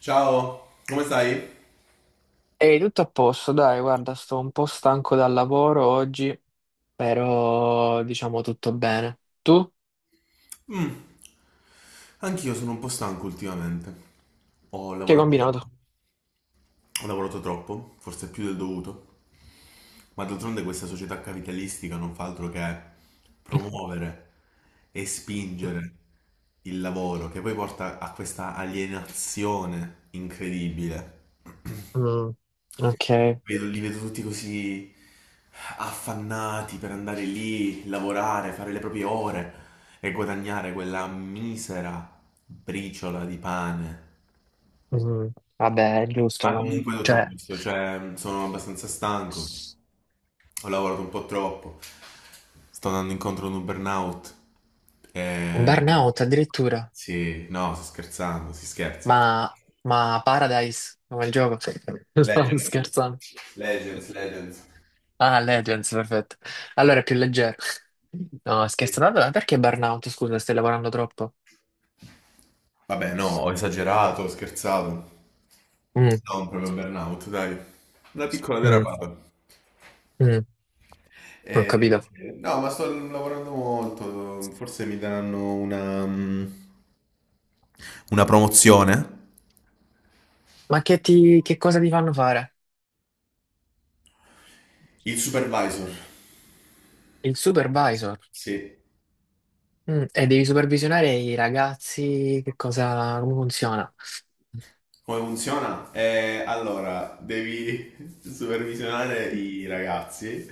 Ciao, come stai? Ehi, tutto a posto, dai, guarda, sto un po' stanco dal lavoro oggi, però diciamo tutto bene. Tu? Anch'io sono un po' stanco ultimamente. Ho Che hai lavorato troppo. combinato? Ho lavorato troppo, forse più del dovuto. Ma d'altronde questa società capitalistica non fa altro che promuovere e spingere il lavoro, che poi porta a questa alienazione incredibile. Mm, ok. Li vedo tutti così affannati per andare lì, lavorare, fare le proprie ore e guadagnare quella misera briciola di pane. Mm, vabbè, è giusto, Ma comunque tutto a cioè, posto, cioè sono abbastanza stanco, ho lavorato un po' troppo, sto andando incontro a un burnout. un E... burnout addirittura, Sì, no, sto scherzando, si scherza. ma Paradise, come il gioco? Sto Legends, scherzando. Legends, Legends. Ah, Legends, perfetto. Allora è più leggero. No, scherzando, allora perché burnout? Scusa, stai lavorando troppo? Vabbè, no, ho esagerato, ho scherzato. Mm, Non proprio burnout, dai. Una piccola mm, derapata. mm, non ho Eh, capito. no, ma sto lavorando molto, forse mi daranno una, una promozione. Ma che cosa ti fanno fare? Il supervisor, Il supervisor. sì. Mm, e devi supervisionare i ragazzi, che cosa, come funziona? Come funziona? Allora, devi supervisionare i ragazzi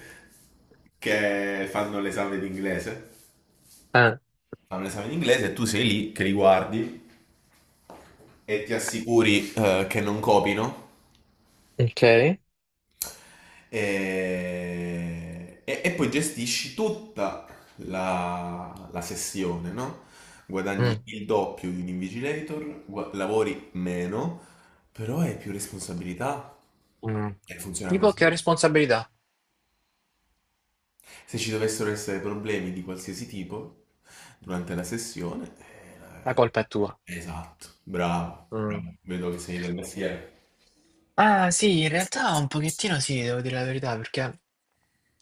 che fanno l'esame di inglese. Ah, Fanno l'esame di inglese e tu sei lì che li guardi e ti assicuri che non copino ok. e, e poi gestisci tutta la sessione, no? Guadagni Mm, il doppio di un invigilator, lavori meno, però hai più responsabilità. mm. E funziona Tipo così. che ho responsabilità, Se ci dovessero essere problemi di qualsiasi tipo durante la sessione, la colpa è tua. esatto, bravo, Mm. bravo, vedo che sei del mestiere. Ah, sì, in realtà un pochettino sì, devo dire la verità, perché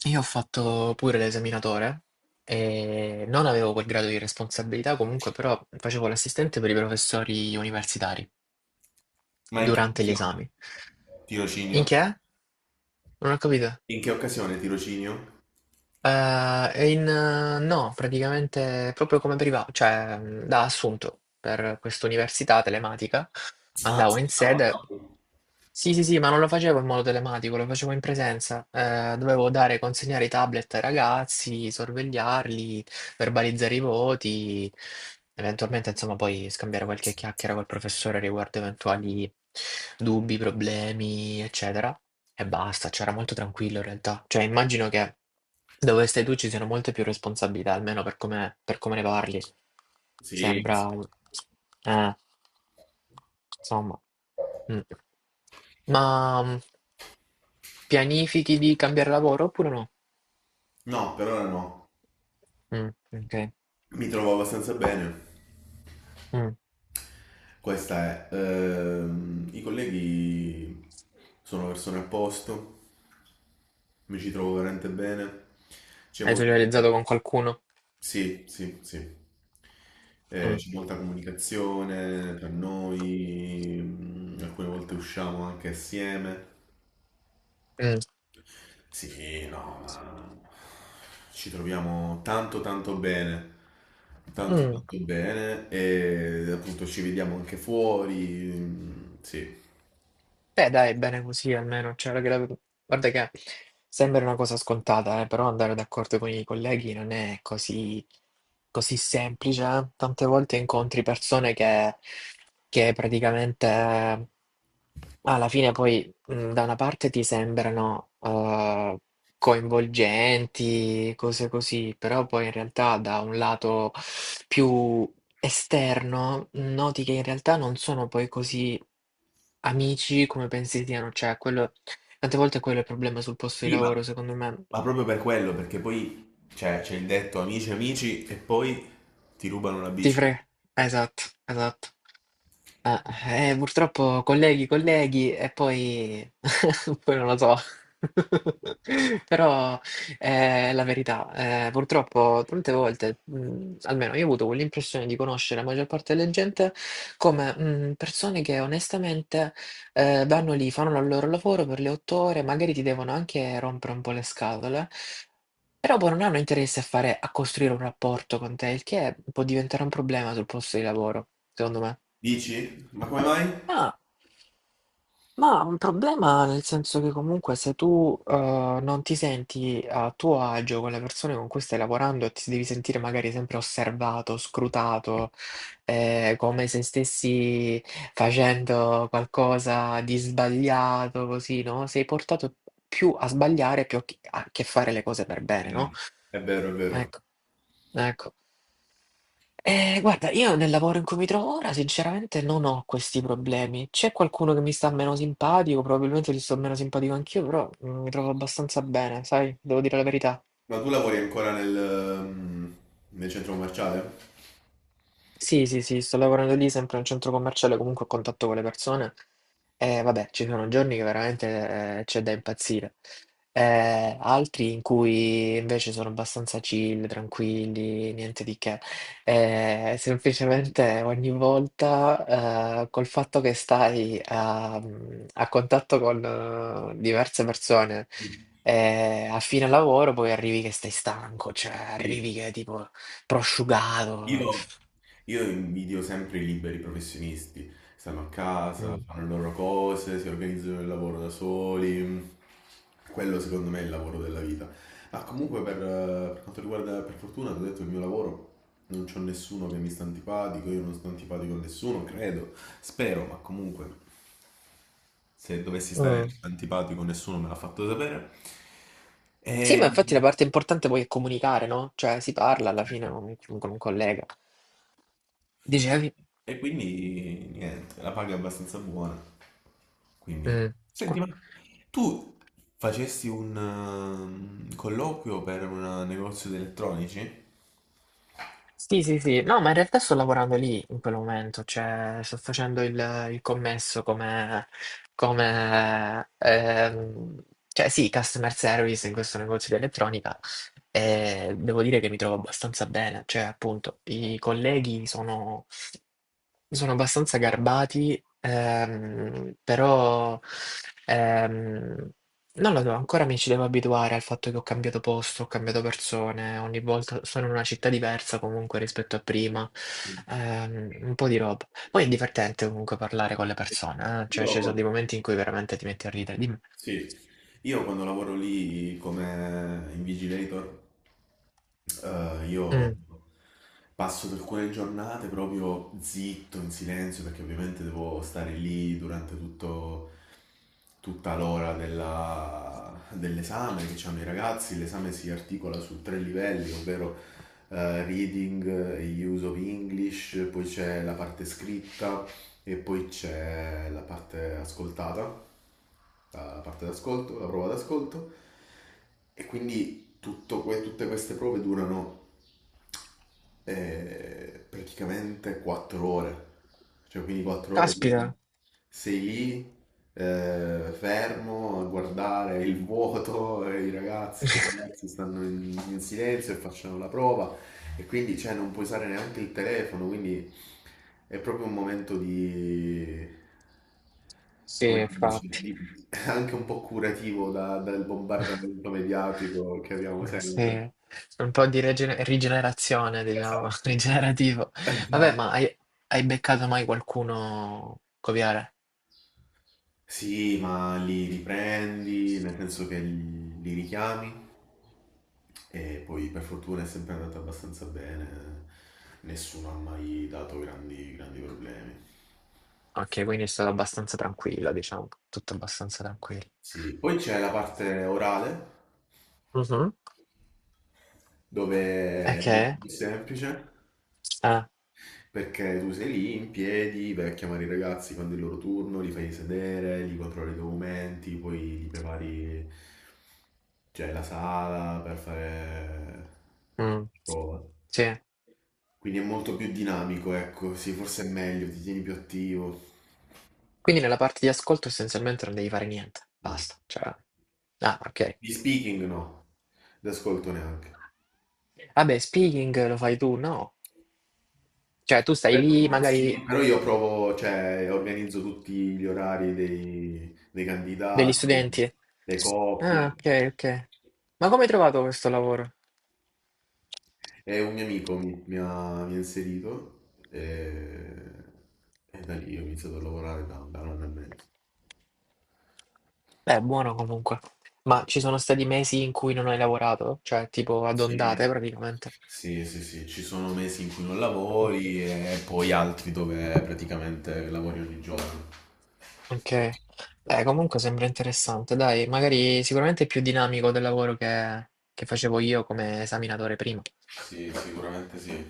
io ho fatto pure l'esaminatore e non avevo quel grado di responsabilità, comunque però facevo l'assistente per i professori universitari Ma in che durante gli occasione? esami. In Tirocinio? che? Non ho capito. In che occasione tirocinio? È in no, praticamente proprio come priva cioè, da assunto per questa università telematica. Ah, Andavo in sede, wow. sì, sì, sì, ma non lo facevo in modo telematico, lo facevo in presenza. Dovevo dare consegnare i tablet ai ragazzi, sorvegliarli, verbalizzare i voti, eventualmente, insomma, poi scambiare qualche chiacchiera col professore riguardo eventuali dubbi, problemi, eccetera. E basta, cioè era molto tranquillo in realtà. Cioè, immagino che dove stai tu ci siano molte più responsabilità, almeno per come ne parli. Sì, Sembra... sì. Eh, insomma... mm. Ma mm, pianifichi di cambiare lavoro oppure no? No, per ora no. Mm, ok. Mi trovo abbastanza bene. Mm. Questa è, i colleghi sono persone a posto, mi ci trovo veramente bene. C'è Hai socializzato con qualcuno? sì, sì, sì. Mm. C'è molta comunicazione tra noi, alcune volte usciamo anche assieme. Mm. Sì, no, ma ci troviamo tanto Mm. tanto bene e appunto ci vediamo anche fuori, sì. Beh, dai, bene così almeno. Cioè, guarda che sembra una cosa scontata, però andare d'accordo con i colleghi non è così semplice, eh. Tante volte incontri persone che praticamente alla fine poi mm, da una parte ti sembrano coinvolgenti, cose così, però poi in realtà da un lato più esterno, noti che in realtà non sono poi così amici come pensi siano, cioè quello tante volte quello è il problema sul posto di Sì, lavoro, secondo me. ma proprio per quello, perché poi cioè, c'è il detto amici amici e poi ti rubano la Ti bici. pre esatto, esatto. Purtroppo colleghi, colleghi e poi poi non lo so. Però, è la verità, purtroppo tante volte, almeno io ho avuto quell'impressione di conoscere la maggior parte delle gente come, persone che onestamente, vanno lì, fanno la loro lavoro per le 8 ore, magari ti devono anche rompere un po' le scatole, però poi non hanno interesse a costruire un rapporto con te, il che può diventare un problema sul posto di lavoro, secondo me. Dici? Ma come mai? Ah. Ma un problema nel senso che comunque se tu, non ti senti a tuo agio con le persone con cui stai lavorando e ti devi sentire magari sempre osservato, scrutato, come se stessi facendo qualcosa di sbagliato, così, no, sei portato più a sbagliare più a che fare le cose per È bene, no? vero. È vero, è vero. Ecco. Ecco. Guarda, io nel lavoro in cui mi trovo ora sinceramente non ho questi problemi. C'è qualcuno che mi sta meno simpatico, probabilmente gli sto meno simpatico anch'io, però, mi trovo abbastanza bene, sai, devo dire la verità. Ma tu lavori ancora nel centro commerciale? Sì, sì, sì, sto lavorando lì sempre in un centro commerciale, comunque a contatto con le persone. E vabbè, ci sono giorni che veramente c'è da impazzire. Altri in cui invece sono abbastanza chill, tranquilli, niente di che. Semplicemente ogni volta, col fatto che a contatto con diverse persone, Sì. A fine lavoro poi arrivi che stai stanco, cioè Sì. arrivi che tipo prosciugato. Io, Io invidio sempre i liberi professionisti. Stanno a casa, Mm. fanno le loro cose, si organizzano il lavoro da soli. Quello secondo me è il lavoro della vita. Ma comunque per quanto riguarda, per fortuna, ti ho detto il mio lavoro, non c'ho nessuno che mi sta antipatico, io non sto antipatico a nessuno, credo, spero, ma comunque se dovessi stare Mm. antipatico nessuno me l'ha fatto sapere. Sì, ma infatti la E, parte importante poi è comunicare, no? Cioè si parla alla certo. fine con un collega. Dicevi? E quindi niente, la paga è abbastanza buona. Quindi, Mm. senti, Qua- ma tu facesti un colloquio per un negozio di elettronici? Sì, sì, sì. No, ma in realtà sto lavorando lì in quel momento, cioè sto facendo il commesso come, come cioè sì, customer service in questo negozio di elettronica e devo dire che mi trovo abbastanza bene, cioè appunto i colleghi sono. Sono abbastanza garbati, però, ehm, non lo so, ancora mi ci devo abituare al fatto che ho cambiato posto, ho cambiato persone, ogni volta sono in una città diversa comunque rispetto a prima, Sì. Un po' di roba. Poi è divertente comunque parlare con le persone, cioè ci Io, sono dei momenti in cui veramente ti metti a ridere. Dimmi. sì, io quando lavoro lì come invigilator eh, io Mm. passo per alcune giornate proprio zitto, in silenzio, perché ovviamente devo stare lì durante tutta l'ora dell'esame che hanno i ragazzi. L'esame si articola su tre livelli, ovvero reading e use of English, poi c'è la parte scritta e poi c'è la parte ascoltata, la parte d'ascolto, la prova d'ascolto e quindi tutte queste prove durano praticamente 4 ore, cioè quindi 4 ore Caspita! sei lì fermo a guardare il vuoto, i ragazzi che ragazzi stanno in silenzio e facciano la prova e quindi cioè, non puoi usare neanche il telefono, quindi è proprio un momento di Sì, come dici, infatti. Anche un po' curativo dal bombardamento mediatico che abbiamo Eh sempre. sì, un po' di rigenerazione, diciamo, Esatto, rigenerativo. Vabbè, esatto. Hai beccato mai qualcuno copiare? Sì, ma li riprendi, nel senso che li richiami e poi per fortuna è sempre andata abbastanza bene, nessuno ha mai dato grandi, grandi problemi. Ok, quindi è stato abbastanza tranquillo, diciamo, tutto abbastanza tranquillo. Sì, poi c'è la parte orale Mhm. dove è molto Ok. più semplice. Ah, Perché tu sei lì in piedi, vai a chiamare i ragazzi quando è il loro turno, li fai sedere, li controlli i documenti, poi li prepari, cioè, la sala per fare mm, prova. sì. Quindi è molto più dinamico, ecco, sì, forse è meglio, ti tieni più attivo. Quindi nella parte di ascolto essenzialmente non devi fare niente, No. basta. Cioè... ah, ok. Di speaking no, d'ascolto neanche. Vabbè, speaking lo fai tu, no? Cioè, tu stai Per- lì, sì. magari... Però io provo, cioè, organizzo tutti gli orari dei degli candidati, studenti? le Ah, coppie. ok, ok. Ma come hai trovato questo lavoro? E un mio amico mi ha inserito e, e da lì ho iniziato a lavorare da 1 anno e mezzo. Beh, buono comunque. Ma ci sono stati mesi in cui non hai lavorato? Cioè, tipo ad ondate Sì. praticamente. Sì, sì, sì, ci sono mesi in cui non Mm. lavori e poi altri dove praticamente lavori ogni giorno. Ok. Beh, comunque sembra interessante. Dai, magari sicuramente è più dinamico del lavoro che facevo io come esaminatore prima. Sì, sicuramente sì.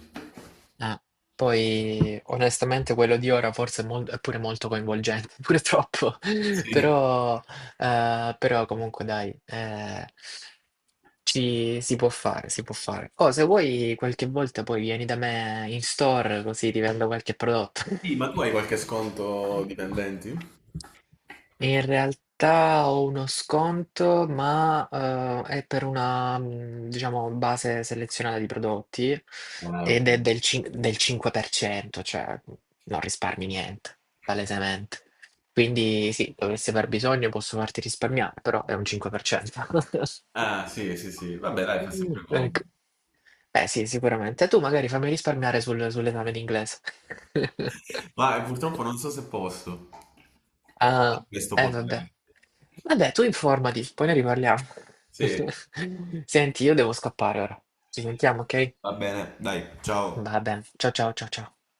Eh, poi onestamente quello di ora forse è, è pure molto coinvolgente, pure troppo, Sì. però, però comunque dai, si può fare, si può fare. Oh, se vuoi qualche volta poi vieni da me in store così ti vendo qualche prodotto. Sì, ma tu hai qualche sconto dipendenti? E in realtà ho uno sconto, ma, è per una, diciamo, base selezionata di prodotti Ah, ok. ed è del 5%, cioè, mhmm, non risparmi niente, palesemente. Quindi sì, dovessi aver bisogno posso farti risparmiare, però è un 5%. Ah, sì, sì, sì. Vabbè, dai, fa sempre comodo. Ecco. Eh sì, sicuramente. Tu magari fammi risparmiare sull'esame di inglese. Ma purtroppo non so se posso. Ah, Questo eh vabbè. potere. Vabbè, tu informati, poi ne riparliamo. Sì. Senti, io devo scappare ora. Ci sentiamo, ok? Va bene, dai, ciao. Va bene. Ciao ciao ciao ciao.